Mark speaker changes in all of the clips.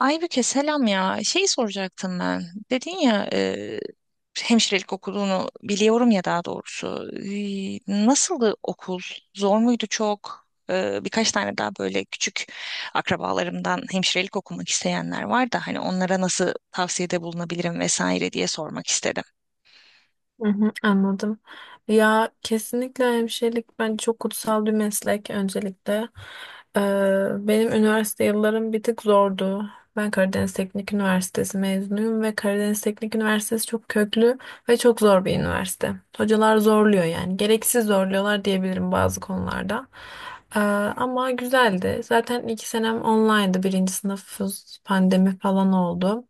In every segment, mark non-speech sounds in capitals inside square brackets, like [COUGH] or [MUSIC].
Speaker 1: Aybüke, selam ya. Şey soracaktım ben. Dedin ya hemşirelik okuduğunu biliyorum ya, daha doğrusu. Nasıldı okul? Zor muydu çok? Birkaç tane daha böyle küçük akrabalarımdan hemşirelik okumak isteyenler var da hani onlara nasıl tavsiyede bulunabilirim vesaire diye sormak istedim.
Speaker 2: Hı hı, anladım. Ya kesinlikle hemşirelik bence çok kutsal bir meslek öncelikle. Ee, benim üniversite yıllarım bir tık zordu. Ben Karadeniz Teknik Üniversitesi mezunuyum ve Karadeniz Teknik Üniversitesi çok köklü ve çok zor bir üniversite. Hocalar zorluyor yani. Gereksiz zorluyorlar diyebilirim bazı konularda. Ee, ama güzeldi. Zaten iki senem online'dı. Birinci sınıf pandemi falan oldu.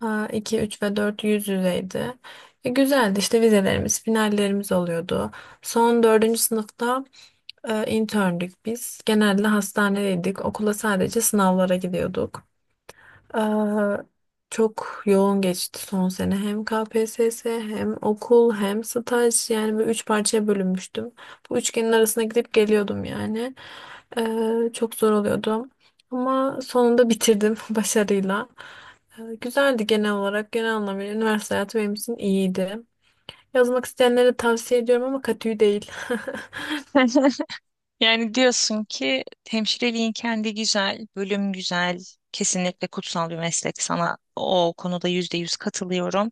Speaker 2: Ha, 2, 3 ve 4 yüz yüzeydi. Güzeldi işte vizelerimiz, finallerimiz oluyordu. Son dördüncü sınıfta interndük biz. Genelde hastanedeydik. Okula sadece sınavlara gidiyorduk. Aa, çok yoğun geçti son sene. Hem KPSS hem okul hem staj yani böyle üç parçaya bölünmüştüm. Bu üçgenin arasına gidip geliyordum yani. Çok zor oluyordu. Ama sonunda bitirdim [LAUGHS] başarıyla. Güzeldi genel olarak. Genel anlamıyla üniversite hayatı benim için iyiydi. Yazmak isteyenlere tavsiye ediyorum ama katü değil. [LAUGHS]
Speaker 1: [LAUGHS] Yani diyorsun ki hemşireliğin kendi güzel, bölüm güzel, kesinlikle kutsal bir meslek. Sana o konuda %100 katılıyorum.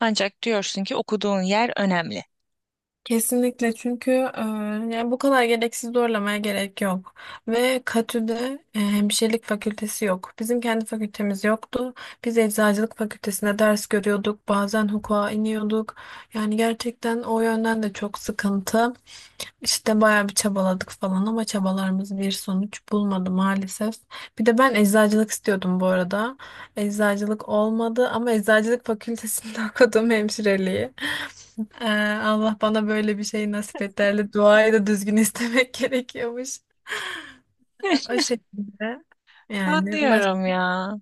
Speaker 1: Ancak diyorsun ki okuduğun yer önemli.
Speaker 2: Kesinlikle çünkü yani bu kadar gereksiz zorlamaya gerek yok. Ve KTÜ'de hemşirelik fakültesi yok. Bizim kendi fakültemiz yoktu. Biz eczacılık fakültesinde ders görüyorduk. Bazen hukuka iniyorduk. Yani gerçekten o yönden de çok sıkıntı. İşte bayağı bir çabaladık falan ama çabalarımız bir sonuç bulmadı maalesef. Bir de ben eczacılık istiyordum bu arada. Eczacılık olmadı ama eczacılık fakültesinde [LAUGHS] okudum hemşireliği. Ee, Allah bana böyle bir şey nasip et derdi. Duayı da düzgün istemek [LAUGHS] gerekiyormuş. [LAUGHS]
Speaker 1: [LAUGHS]
Speaker 2: O şekilde. Yani
Speaker 1: Anlıyorum
Speaker 2: başka...
Speaker 1: ya.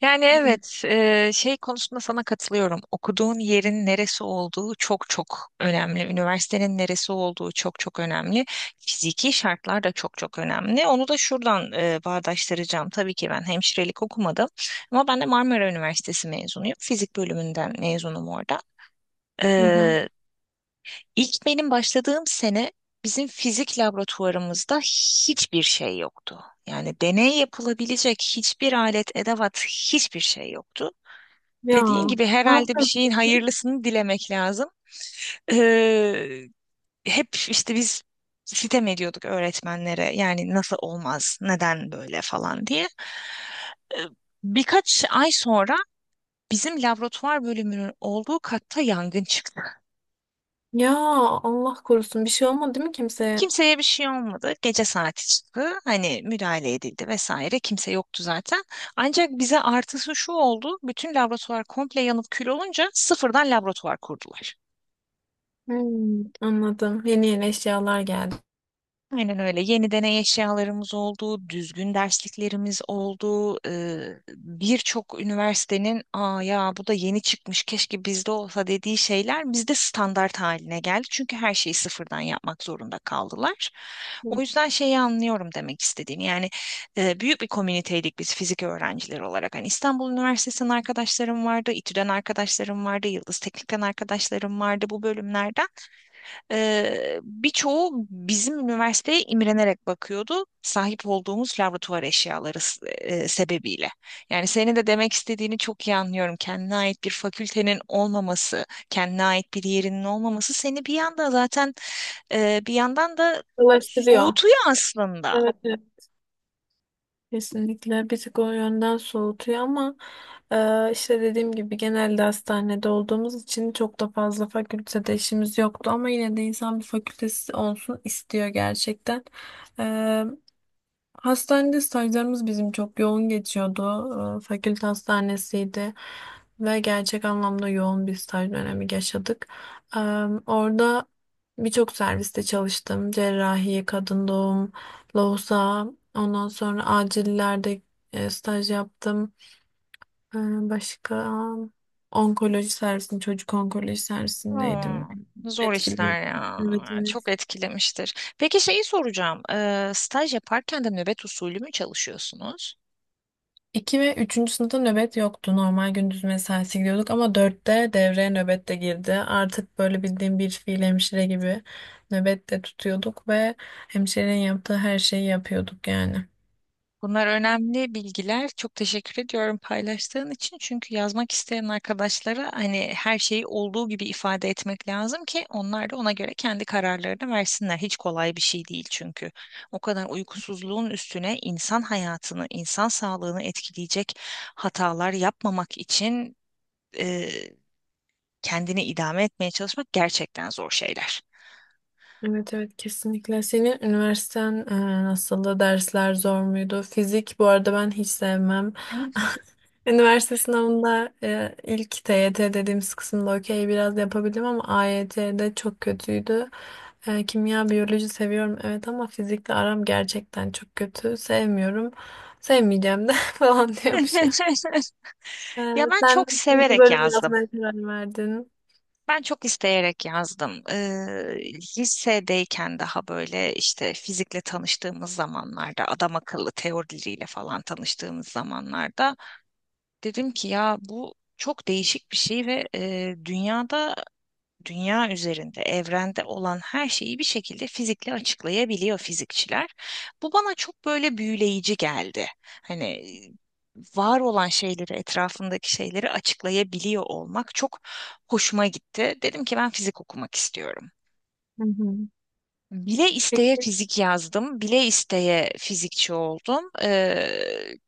Speaker 1: Yani
Speaker 2: Hı
Speaker 1: evet, şey konusunda sana katılıyorum. Okuduğun yerin neresi olduğu çok çok önemli. Üniversitenin neresi olduğu çok çok önemli. Fiziki şartlar da çok çok önemli. Onu da şuradan bağdaştıracağım. Tabii ki ben hemşirelik okumadım ama ben de Marmara Üniversitesi mezunuyum. Fizik bölümünden mezunum orada.
Speaker 2: hı.
Speaker 1: E, İlk benim başladığım sene bizim fizik laboratuvarımızda hiçbir şey yoktu. Yani deney yapılabilecek hiçbir alet, edevat, hiçbir şey yoktu.
Speaker 2: Ya
Speaker 1: Dediğin gibi
Speaker 2: ne
Speaker 1: herhalde bir
Speaker 2: yaptın
Speaker 1: şeyin
Speaker 2: peki?
Speaker 1: hayırlısını dilemek lazım. Ee, Hep işte biz sitem ediyorduk öğretmenlere. Yani nasıl olmaz, neden böyle falan diye. Ee, Birkaç ay sonra bizim laboratuvar bölümünün olduğu katta yangın çıktı.
Speaker 2: Ya Allah korusun bir şey olmadı değil mi kimseye?
Speaker 1: Kimseye bir şey olmadı. Gece saati çıktı. Hani müdahale edildi vesaire. Kimse yoktu zaten. Ancak bize artısı şu oldu. Bütün laboratuvar komple yanıp kül olunca sıfırdan laboratuvar kurdular.
Speaker 2: Anladım. Yeni yeni eşyalar geldi.
Speaker 1: Aynen öyle. Yeni deney eşyalarımız oldu, düzgün dersliklerimiz oldu. Birçok üniversitenin "Aa ya bu da yeni çıkmış, keşke bizde olsa" dediği şeyler bizde standart haline geldi. Çünkü her şeyi sıfırdan yapmak zorunda kaldılar. O
Speaker 2: Hı.
Speaker 1: yüzden şeyi anlıyorum demek istediğini. Yani büyük bir komüniteydik biz fizik öğrencileri olarak. Hani İstanbul Üniversitesi'nden arkadaşlarım vardı, İTÜ'den arkadaşlarım vardı, Yıldız Teknik'ten arkadaşlarım vardı bu bölümlerden. Birçoğu bizim üniversiteye imrenerek bakıyordu sahip olduğumuz laboratuvar eşyaları sebebiyle. Yani senin de demek istediğini çok iyi anlıyorum. Kendine ait bir fakültenin olmaması, kendine ait bir yerinin olmaması seni bir yanda zaten bir yandan da
Speaker 2: Dolaştırıyor.
Speaker 1: soğutuyor aslında.
Speaker 2: Evet. Kesinlikle bir tık o yönden soğutuyor ama işte dediğim gibi genelde hastanede olduğumuz için çok da fazla fakültede işimiz yoktu ama yine de insan bir fakültesi olsun istiyor gerçekten. Hastanede stajlarımız bizim çok yoğun geçiyordu. Fakülte hastanesiydi ve gerçek anlamda yoğun bir staj dönemi yaşadık. Ee, Orada birçok serviste çalıştım. Cerrahi, kadın doğum, lohusa, ondan sonra acillerde staj yaptım. Ee, Başka onkoloji servisinde, çocuk onkoloji
Speaker 1: Aa,
Speaker 2: servisindeydim.
Speaker 1: zor
Speaker 2: Etkileyici.
Speaker 1: işler ya.
Speaker 2: Evet,
Speaker 1: Çok
Speaker 2: evet.
Speaker 1: etkilemiştir. Peki şeyi soracağım. Staj yaparken de nöbet usulü mü çalışıyorsunuz?
Speaker 2: 2 ve üçüncü sınıfta nöbet yoktu. Normal gündüz mesaisi gidiyorduk ama dörtte devreye nöbet de girdi. Artık böyle bildiğim bir fiil hemşire gibi nöbet de tutuyorduk ve hemşirenin yaptığı her şeyi yapıyorduk yani.
Speaker 1: Bunlar önemli bilgiler. Çok teşekkür ediyorum paylaştığın için. Çünkü yazmak isteyen arkadaşlara hani her şeyi olduğu gibi ifade etmek lazım ki onlar da ona göre kendi kararlarını versinler. Hiç kolay bir şey değil çünkü. O kadar uykusuzluğun üstüne insan hayatını, insan sağlığını etkileyecek hatalar yapmamak için kendini idame etmeye çalışmak gerçekten zor şeyler.
Speaker 2: Evet evet kesinlikle. Senin üniversiten nasıldı? Dersler zor muydu? Fizik bu arada ben hiç sevmem.
Speaker 1: Evet.
Speaker 2: [LAUGHS] Üniversite sınavında ilk TYT dediğimiz kısımda okey biraz yapabildim ama AYT'de çok kötüydü. Kimya, biyoloji seviyorum evet ama fizikle aram gerçekten çok kötü. Sevmiyorum. Sevmeyeceğim de [LAUGHS] falan diyormuşum. E,
Speaker 1: [LAUGHS] Ya ben
Speaker 2: sen
Speaker 1: çok
Speaker 2: nasıl bu
Speaker 1: severek
Speaker 2: bölümü
Speaker 1: yazdım.
Speaker 2: yazmaya karar verdin?
Speaker 1: Ben çok isteyerek yazdım. Lisedeyken daha böyle işte fizikle tanıştığımız zamanlarda, adam akıllı teorileriyle falan tanıştığımız zamanlarda dedim ki ya bu çok değişik bir şey, ve dünyada, dünya üzerinde, evrende olan her şeyi bir şekilde fizikle açıklayabiliyor fizikçiler. Bu bana çok böyle büyüleyici geldi. Hani var olan şeyleri, etrafındaki şeyleri açıklayabiliyor olmak çok hoşuma gitti. Dedim ki ben fizik okumak istiyorum.
Speaker 2: Hı hı.
Speaker 1: Bile isteye
Speaker 2: Peki.
Speaker 1: fizik yazdım, bile isteye fizikçi oldum.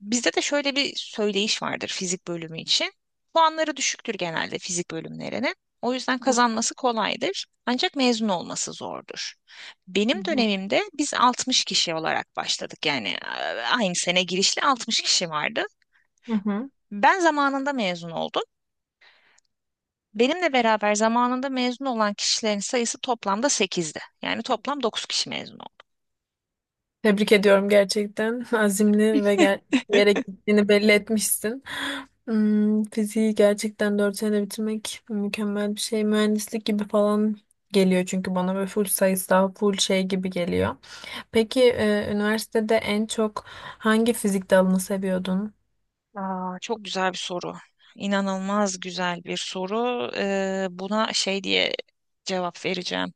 Speaker 1: Bizde de şöyle bir söyleyiş vardır fizik bölümü için. Puanları düşüktür genelde fizik bölümlerinin. O yüzden kazanması kolaydır. Ancak mezun olması zordur.
Speaker 2: Hı
Speaker 1: Benim
Speaker 2: hı.
Speaker 1: dönemimde biz 60 kişi olarak başladık. Yani aynı sene girişli 60 kişi vardı.
Speaker 2: Hı hı.
Speaker 1: Ben zamanında mezun oldum. Benimle beraber zamanında mezun olan kişilerin sayısı toplamda 8'di. Yani toplam 9 kişi mezun.
Speaker 2: Tebrik ediyorum gerçekten. Azimli ve bir yere gittiğini belli etmişsin. Fiziği gerçekten 4 senede bitirmek mükemmel bir şey. Mühendislik gibi falan geliyor çünkü bana ve full sayısal, full şey gibi geliyor. Peki üniversitede en çok hangi fizik dalını seviyordun?
Speaker 1: Aa, çok güzel bir soru. İnanılmaz güzel bir soru. Buna şey diye cevap vereceğim.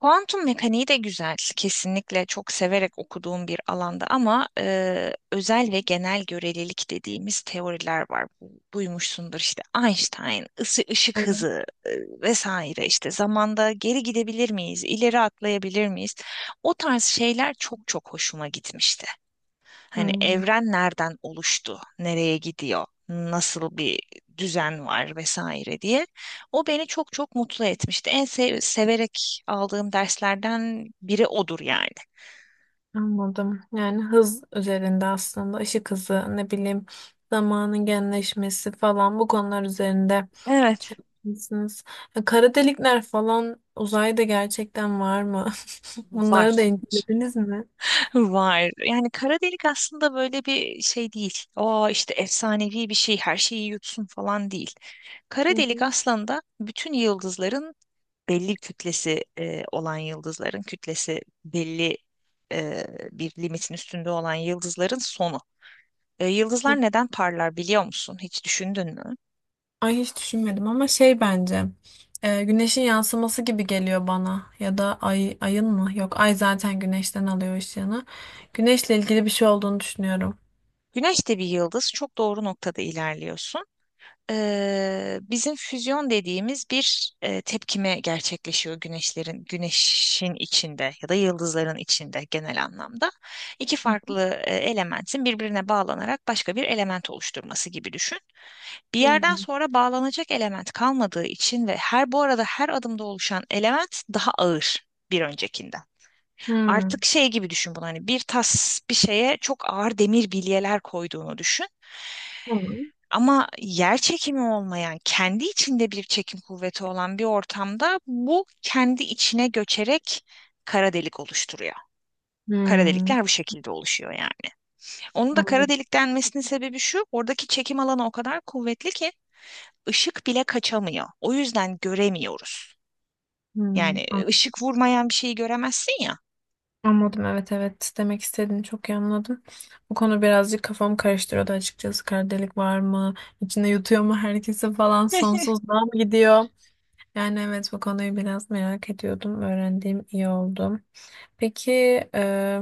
Speaker 1: Kuantum mekaniği de güzel. Kesinlikle çok severek okuduğum bir alanda, ama özel ve genel görelilik dediğimiz teoriler var. Bu- duymuşsundur işte Einstein, ısı ışık
Speaker 2: Evet.
Speaker 1: hızı vesaire, işte zamanda geri gidebilir miyiz, ileri atlayabilir miyiz? O tarz şeyler çok çok hoşuma gitmişti. Hani
Speaker 2: Hmm.
Speaker 1: evren nereden oluştu, nereye gidiyor, nasıl bir düzen var vesaire diye. O beni çok çok mutlu etmişti. En severek aldığım derslerden biri odur yani.
Speaker 2: Anladım. Yani hız üzerinde aslında ışık hızı ne bileyim zamanın genleşmesi falan bu konular üzerinde şey
Speaker 1: Evet,
Speaker 2: yapmışsınız. Kara delikler falan uzayda gerçekten var mı? [LAUGHS] Bunları da
Speaker 1: var.
Speaker 2: incelediniz mi?
Speaker 1: Var. Yani kara delik aslında böyle bir şey değil. O işte efsanevi bir şey, her şeyi yutsun falan değil. Kara
Speaker 2: Hı
Speaker 1: delik
Speaker 2: hı.
Speaker 1: aslında bütün yıldızların belli kütlesi olan yıldızların kütlesi belli e, bir limitin üstünde olan yıldızların sonu. E, yıldızlar neden parlar biliyor musun? Hiç düşündün mü?
Speaker 2: Ay hiç düşünmedim ama şey bence güneşin yansıması gibi geliyor bana ya da ay ayın mı? Yok ay zaten güneşten alıyor ışığını. Güneşle ilgili bir şey olduğunu düşünüyorum.
Speaker 1: Güneş de bir yıldız. Çok doğru noktada ilerliyorsun. Bizim füzyon dediğimiz bir tepkime gerçekleşiyor güneşin içinde, ya da yıldızların içinde genel anlamda. İki farklı elementin birbirine bağlanarak başka bir element oluşturması gibi düşün. Bir yerden
Speaker 2: Hmm.
Speaker 1: sonra bağlanacak element kalmadığı için, ve her bu arada her adımda oluşan element daha ağır bir öncekinden. Artık
Speaker 2: Hmm.
Speaker 1: şey gibi düşün bunu, hani bir tas bir şeye çok ağır demir bilyeler koyduğunu düşün.
Speaker 2: Tamam.
Speaker 1: Ama yer çekimi olmayan, kendi içinde bir çekim kuvveti olan bir ortamda bu kendi içine göçerek kara delik oluşturuyor. Kara
Speaker 2: Hmm.
Speaker 1: delikler bu şekilde oluşuyor yani. Onun da kara
Speaker 2: Anladım.
Speaker 1: delik denmesinin sebebi şu: oradaki çekim alanı o kadar kuvvetli ki ışık bile kaçamıyor. O yüzden göremiyoruz.
Speaker 2: Hmm,
Speaker 1: Yani
Speaker 2: an-
Speaker 1: ışık vurmayan bir şeyi göremezsin ya.
Speaker 2: anladım. Evet evet demek istediğini çok iyi anladım. Bu konu birazcık kafamı karıştırıyordu açıkçası. Kara delik var mı? İçinde yutuyor mu herkesi falan? Sonsuzluğa mı gidiyor? Yani evet bu konuyu biraz merak ediyordum. Öğrendiğim iyi oldu. Peki e,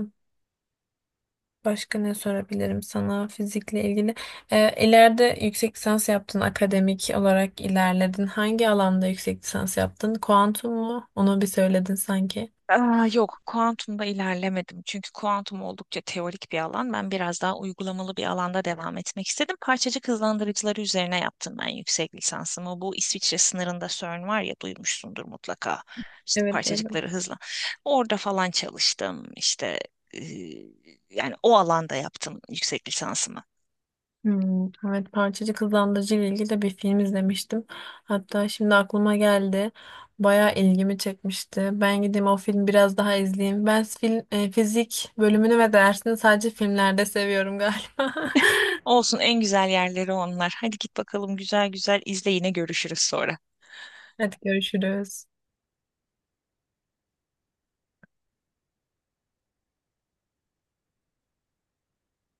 Speaker 2: başka ne sorabilirim sana fizikle ilgili? İleride yüksek lisans yaptın, akademik olarak ilerledin. Hangi alanda yüksek lisans yaptın? Kuantum mu? Onu bir söyledin sanki.
Speaker 1: Aa, yok, kuantumda ilerlemedim. Çünkü kuantum oldukça teorik bir alan. Ben biraz daha uygulamalı bir alanda devam etmek istedim. Parçacık hızlandırıcıları üzerine yaptım ben yüksek lisansımı. Bu İsviçre sınırında CERN var ya, duymuşsundur mutlaka. İşte
Speaker 2: Evet,
Speaker 1: parçacıkları hızla. Orada falan çalıştım. İşte e, yani o alanda yaptım yüksek lisansımı.
Speaker 2: Hmm, evet Parçacık Hızlandırıcı ile ilgili de bir film izlemiştim. Hatta şimdi aklıma geldi. Bayağı ilgimi çekmişti. Ben gideyim o film biraz daha izleyeyim. Ben fizik bölümünü ve dersini sadece filmlerde seviyorum galiba. [LAUGHS]
Speaker 1: Olsun, en güzel yerleri onlar. Hadi git bakalım, güzel güzel izle, yine görüşürüz sonra.
Speaker 2: Hadi görüşürüz.